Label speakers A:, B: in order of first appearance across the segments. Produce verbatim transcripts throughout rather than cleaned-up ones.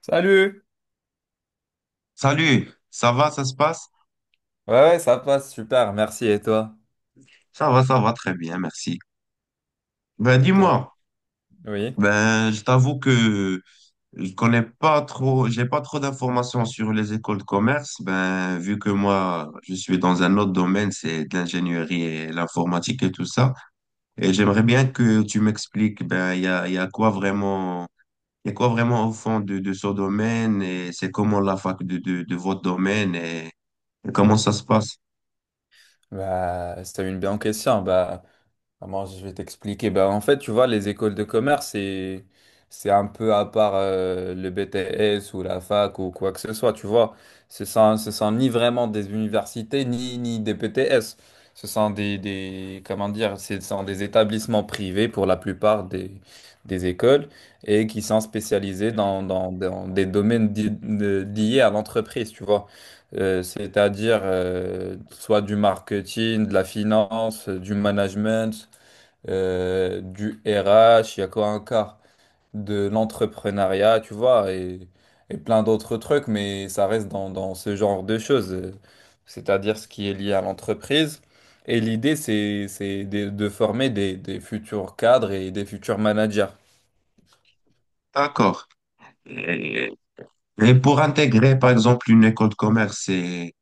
A: Salut!
B: Salut, ça va, ça se passe?
A: Ouais, ouais, ça passe, super, merci. Et toi?
B: Ça va, ça va très bien, merci. Ben
A: Au top.
B: dis-moi,
A: Oui,
B: ben je t'avoue que je connais pas trop, j'ai pas trop d'informations sur les écoles de commerce. Ben vu que moi je suis dans un autre domaine, c'est de l'ingénierie et l'informatique et tout ça. Et j'aimerais bien que tu m'expliques, ben il y a, il y a quoi vraiment, il y a quoi vraiment au fond de, de ce domaine et c'est comment la fac de, de, de votre domaine et et comment ça se passe?
A: bah, c'était une bien question. Bah, comment je vais t'expliquer? Ben, en fait, tu vois, les écoles de commerce, c'est, c'est un peu à part, euh, le B T S ou la fac ou quoi que ce soit, tu vois. Ce sont, ce sont ni vraiment des universités, ni, ni des B T S. Ce sont des, des, comment dire, ce sont des établissements privés pour la plupart des, des écoles et qui sont spécialisés dans, dans, dans des domaines di- de- liés à l'entreprise, tu vois. Euh, c'est-à-dire, euh, soit du marketing, de la finance, euh, du management, euh, du R H, il y a quoi encore? De l'entrepreneuriat, tu vois, et, et plein d'autres trucs, mais ça reste dans, dans ce genre de choses, euh, c'est-à-dire ce qui est lié à l'entreprise. Et l'idée, c'est, c'est de, de former des, des futurs cadres et des futurs managers.
B: D'accord. Et pour intégrer, par exemple, une école de commerce, c'est,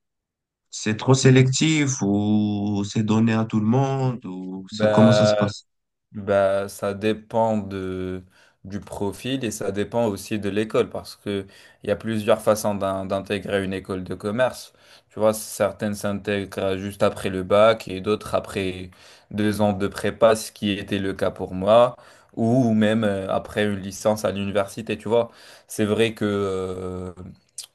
B: c'est trop sélectif ou c'est donné à tout le monde ou ça, comment ça se
A: Bah,
B: passe?
A: Bah, ça dépend de, du profil et ça dépend aussi de l'école parce que il y a plusieurs façons d'in- d'intégrer une école de commerce. Tu vois, certaines s'intègrent juste après le bac et d'autres après deux ans de prépa, ce qui était le cas pour moi, ou même euh, après une licence à l'université. Tu vois, c'est vrai que, euh,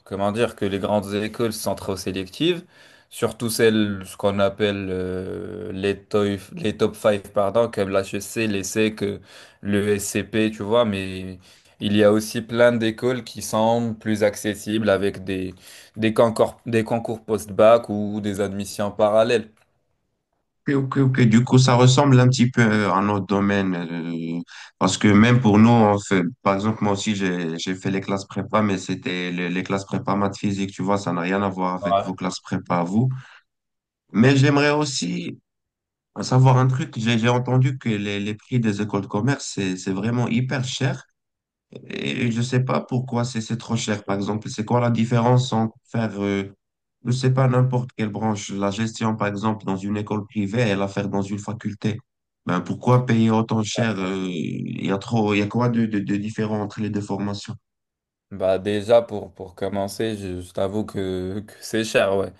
A: comment dire, que les grandes écoles sont trop sélectives. Surtout celles, ce qu'on appelle, euh, les, toy- les top cinq, pardon, comme l'H E C, l'ESSEC, euh, le S C P, tu vois, mais il y a aussi plein d'écoles qui sont plus accessibles avec des, des concours, des concours post-bac ou des admissions parallèles.
B: Ok, ok, ok. Du coup, ça ressemble un petit peu à notre domaine. Euh, parce que même pour nous, on fait, par exemple, moi aussi, j'ai, j'ai fait les classes prépa, mais c'était les, les classes prépa maths physique, tu vois, ça n'a rien à voir avec
A: Ouais.
B: vos classes prépa à vous. Mais j'aimerais aussi savoir un truc. J'ai, j'ai entendu que les, les prix des écoles de commerce, c'est, c'est vraiment hyper cher. Et je ne sais pas pourquoi c'est c'est trop cher, par exemple. C'est quoi la différence entre faire, euh, je ne sais pas, n'importe quelle branche, la gestion, par exemple, dans une école privée et la faire dans une faculté? Ben, pourquoi payer autant cher? euh, Il y a trop, il y a quoi de, de, de différent entre les deux formations?
A: Bah déjà pour, pour commencer, je, je t'avoue que, que c'est cher, ouais.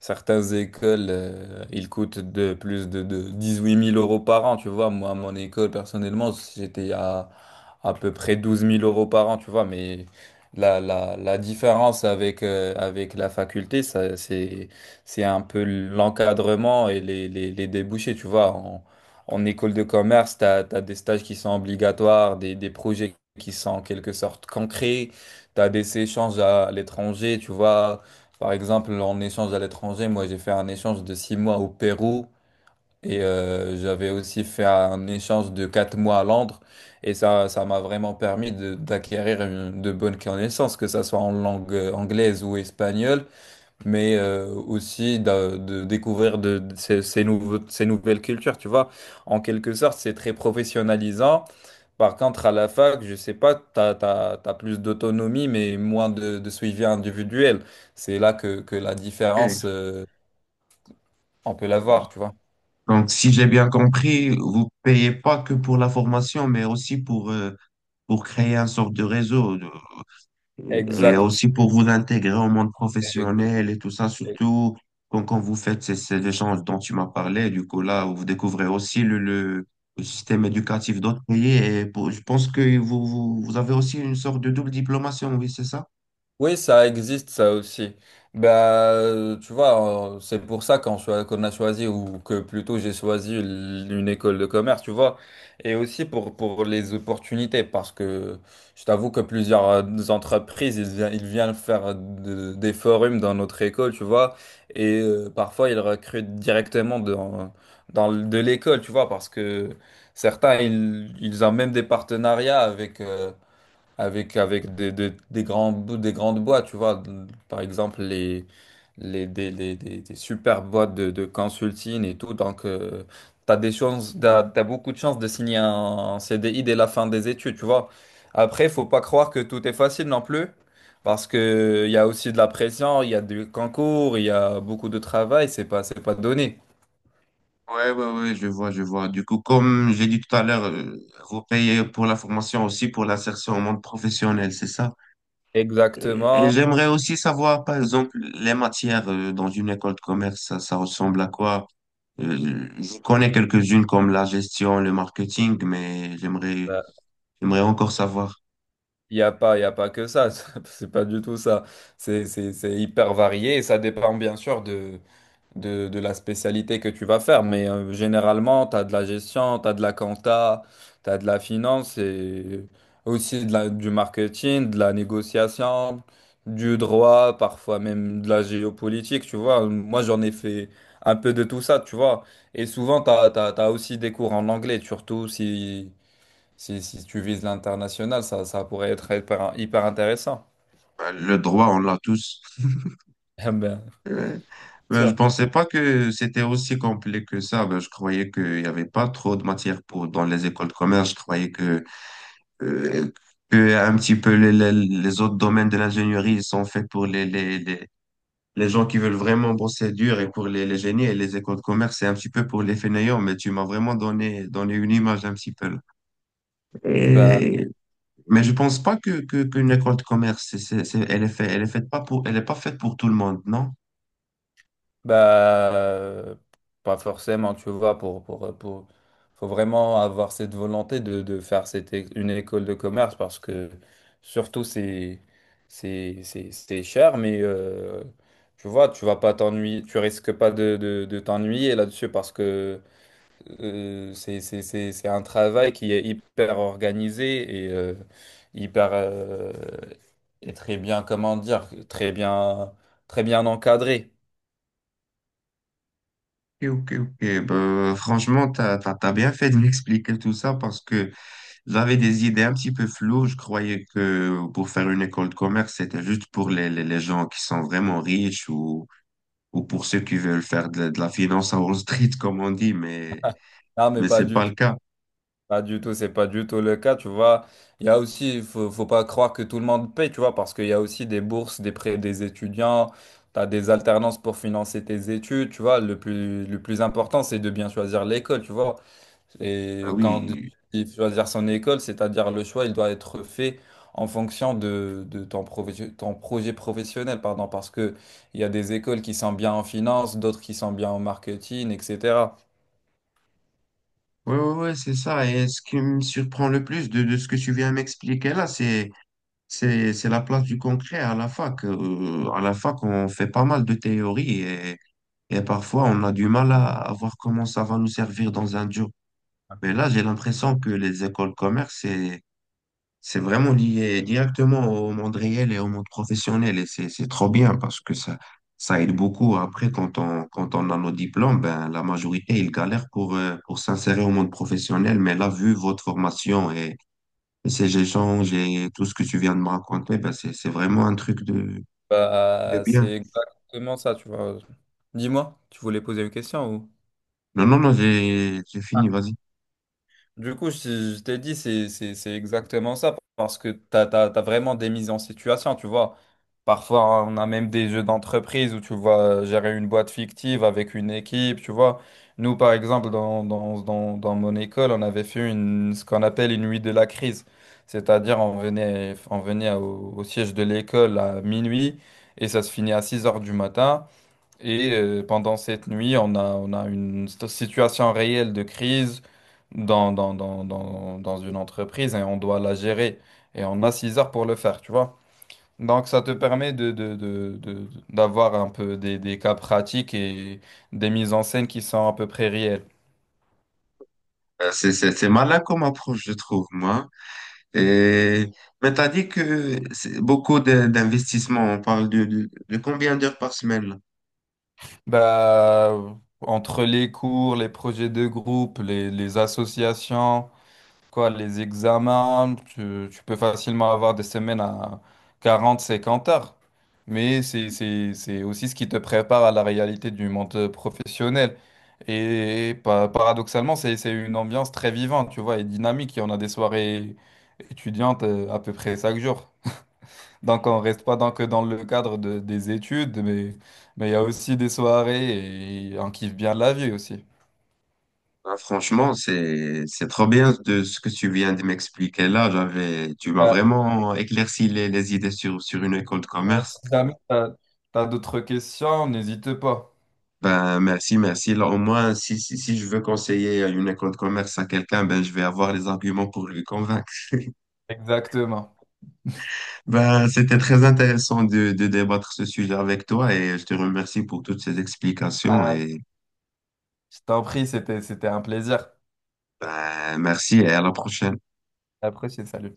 A: Certaines écoles, euh, ils coûtent de plus de, de huit mille euros par an, tu vois. Moi, à mon école, personnellement, j'étais à à peu près douze mille euros par an, tu vois. Mais la, la, la différence avec, euh, avec la faculté, ça, c'est, c'est un peu l'encadrement et les, les, les débouchés, tu vois. En, en école de commerce, tu as des stages qui sont obligatoires, des, des projets qui sont en quelque sorte concrets. T'as des échanges à l'étranger, tu vois. Par exemple, en échange à l'étranger, moi j'ai fait un échange de six mois au Pérou et euh, j'avais aussi fait un échange de quatre mois à Londres. Et ça, ça m'a vraiment permis de- d'acquérir une- de bonnes connaissances, que ça soit en langue euh, anglaise ou espagnole, mais euh, aussi d'a- de, découvrir de, de ces, ces nouveaux- ces nouvelles cultures, tu vois. En quelque sorte, c'est très professionnalisant. Par contre, à la fac, je sais pas, tu as plus d'autonomie, mais moins de, de suivi individuel. C'est là que, que la différence,
B: Ok.
A: euh, on peut la voir, tu vois.
B: Donc, si j'ai bien compris, vous payez pas que pour la formation, mais aussi pour, euh, pour créer un sorte de réseau. Et
A: Exact.
B: aussi pour vous intégrer au monde professionnel
A: Exact.
B: et tout ça, surtout quand, quand vous faites ces, ces échanges dont tu m'as parlé, du coup là, vous découvrez aussi le, le, le système éducatif d'autres pays et pour- je pense que vous, vous, vous avez aussi une sorte de double diplomation, oui, c'est ça?
A: Oui, ça existe, ça aussi. Bah, euh, tu vois, euh, c'est pour ça qu'on choi- qu'on a choisi, ou que plutôt j'ai choisi l- une école de commerce, tu vois. Et aussi pour, pour les opportunités, parce que je t'avoue que plusieurs, euh, entreprises, ils, vi- ils viennent faire de- des forums dans notre école, tu vois. Et euh, parfois, ils recrutent directement dans, dans, l- de l'école, tu vois, parce que certains, ils, ils ont même des partenariats avec... euh, avec avec des, des, des grands des grandes boîtes, tu vois. Par exemple, les les des, des, des, des super boîtes de, de consulting et tout, donc euh, t'as des chances, t'as, t'as beaucoup de chances de signer un, un C D I dès la fin des études, tu vois. Après, faut pas croire que tout est facile non plus, parce que il y a aussi de la pression, il y a du concours, il y a beaucoup de travail, c'est pas c'est pas donné.
B: Ouais, ouais, ouais, je vois, je vois. Du coup, comme j'ai dit tout à l'heure, euh, vous payez pour la formation aussi pour l'insertion au monde professionnel, c'est ça? Et, et
A: Exactement.
B: j'aimerais aussi savoir, par exemple, les matières euh, dans une école de commerce, ça, ça ressemble à quoi? Euh, je connais quelques-unes comme la gestion, le marketing, mais j'aimerais, j'aimerais encore savoir.
A: Il n'y a pas, il a pas que ça, c'est pas du tout ça. C'est c'est- c'est hyper varié et ça dépend bien sûr de, de, de la spécialité que tu vas faire. Mais euh, généralement, tu as de la gestion, tu as de la compta, tu as de la finance et aussi de la, du marketing, de la négociation, du droit, parfois même de la géopolitique, tu vois. Moi, j'en ai fait un peu de tout ça, tu vois. Et souvent, tu as, t'as, t'as t'as aussi des cours en anglais, surtout si… Si, si tu vises l'international, ça, ça pourrait être hyper, hyper intéressant.
B: Bah, le droit, on l'a tous.
A: Ah, ben,
B: Euh, ben, je pensais pas que c'était aussi complet que ça. Ben, je croyais qu'il n'y avait pas trop de matières pour, dans les écoles de commerce. Je croyais que, euh, que un petit peu les, les, les autres domaines de l'ingénierie ils sont faits pour les, les, les, Les gens qui veulent vraiment bosser dur et pour les, les génies et les écoles de commerce, c'est un petit peu pour les fainéants, mais tu m'as vraiment donné, donné une image un petit peu. Là.
A: bah,
B: Et, mais je pense pas que, que, qu'une école de commerce, c'est, c'est, c'est- elle est fait, elle est faite pas pour, elle est pas faite pour tout le monde, non?
A: bah, euh, pas forcément, tu vois, pour, pour, pour, faut vraiment avoir cette volonté de, de faire cette, é- une école de commerce, parce que surtout c'est, c'est, c'est, c'est cher, mais euh, tu vois, tu vas pas t'ennuyer, tu risques pas de, de, de t'ennuyer là-dessus, parce que Euh, c'est c'est- c'est- c'est un travail qui est hyper organisé et, euh, hyper, euh, et très bien, comment dire, très bien, très bien encadré.
B: Ok, ok, ok. Ben, franchement, t'as, t'as, t'as bien fait de m'expliquer tout ça parce que j'avais des idées un petit peu floues. Je croyais que pour faire une école de commerce, c'était juste pour les, les, les gens qui sont vraiment riches ou ou pour ceux qui veulent faire de, de la finance à Wall Street, comme on dit, mais,
A: Ah, mais
B: mais
A: pas
B: c'est
A: du
B: pas
A: tout,
B: le cas.
A: pas du tout, c'est pas du tout le cas, tu vois. Il y a aussi, il faut, Faut pas croire que tout le monde paye, tu vois, parce qu'il y a aussi des bourses, des prêts des étudiants, tu as des alternances pour financer tes études, tu vois. Le plus, le plus important, c'est de bien choisir l'école, tu vois.
B: Ah
A: Et quand
B: oui,
A: il choisir son école, c'est-à-dire le choix, il doit être fait en fonction de, de ton, profe- ton projet professionnel, pardon, parce que il y a des écoles qui sont bien en finance, d'autres qui sont bien en marketing, et cetera.
B: ouais, ouais, ouais, c'est ça. Et ce qui me surprend le plus de, de ce que tu viens m'expliquer là, c'est, c'est, c'est la place du concret à la fac. Euh, à la fac, on fait pas mal de théories et, et parfois on a du mal à, à voir comment ça va nous servir dans un job. Mais là, j'ai l'impression que les écoles commerce, c'est C'est vraiment lié directement au monde réel et au monde professionnel et c'est c'est trop bien parce que ça ça aide beaucoup. Après, quand on quand on a nos diplômes, ben la majorité ils galèrent pour euh, pour s'insérer au monde professionnel. Mais là, vu votre formation et, et ces échanges et tout ce que tu viens de me raconter, ben c'est c'est vraiment un truc de de
A: Bah,
B: bien.
A: c'est exactement ça, tu vois. Dis-moi, tu voulais poser une question ou?
B: Non non non, j'ai j'ai fini. Vas-y.
A: Du coup, je, je t'ai dit, c'est c'est- c'est exactement ça, parce que t'as, t'as, t'as vraiment des mises en situation, tu vois. Parfois, on a même des jeux d'entreprise où tu vois gérer une boîte fictive avec une équipe, tu vois. Nous, par exemple, dans, dans, dans, dans mon école, on avait fait une, ce qu'on appelle une nuit de la crise. C'est-à-dire, on venait, on venait au, au siège de l'école à minuit et ça se finit à six heures du matin. Et euh, pendant cette nuit, on a, on a une sto- situation réelle de crise dans, dans, dans, dans, dans une entreprise et on doit la gérer. Et on a six heures pour le faire, tu vois. Donc ça te permet de, de, de, de- d'avoir un peu des, des cas pratiques et des mises en scène qui sont à peu près réelles.
B: Euh, C'est c'est c'est malin comme approche, je trouve moi. Et, mais t'as dit que c'est beaucoup de- d'investissements. On parle de, de, de combien d'heures par semaine? Là.
A: Bah, entre les cours, les projets de groupe, les, les associations, quoi, les examens, tu, tu peux facilement avoir des semaines à quarante cinquante heures. Mais c'est, c'est, c'est aussi ce qui te prépare à la réalité du monde professionnel. Et pa- paradoxalement, c'est, c'est une ambiance très vivante, tu vois, et dynamique. Et on a des soirées étudiantes, euh, à peu près chaque jour. Donc on reste pas dans, que dans le cadre de- des études, mais mais il y a aussi des soirées et on kiffe bien la vie aussi.
B: Ah, franchement, c'est, c'est trop bien de ce que tu viens de m'expliquer là. J'avais, tu m'as
A: Euh,
B: vraiment éclairci les, les idées sur, sur une école de
A: euh,
B: commerce.
A: Si jamais tu as d'autres questions, n'hésite pas.
B: Ben, merci, merci. Là, au moins, si, si, si je veux conseiller une école de commerce à quelqu'un, ben, je vais avoir les arguments pour lui convaincre.
A: Exactement.
B: Ben, c'était très intéressant de, de débattre ce sujet avec toi et je te remercie pour toutes ces explications
A: Euh,
B: et
A: Je t'en prie, c'était, c'était un plaisir.
B: ben merci et à la prochaine.
A: Après, c'est salut.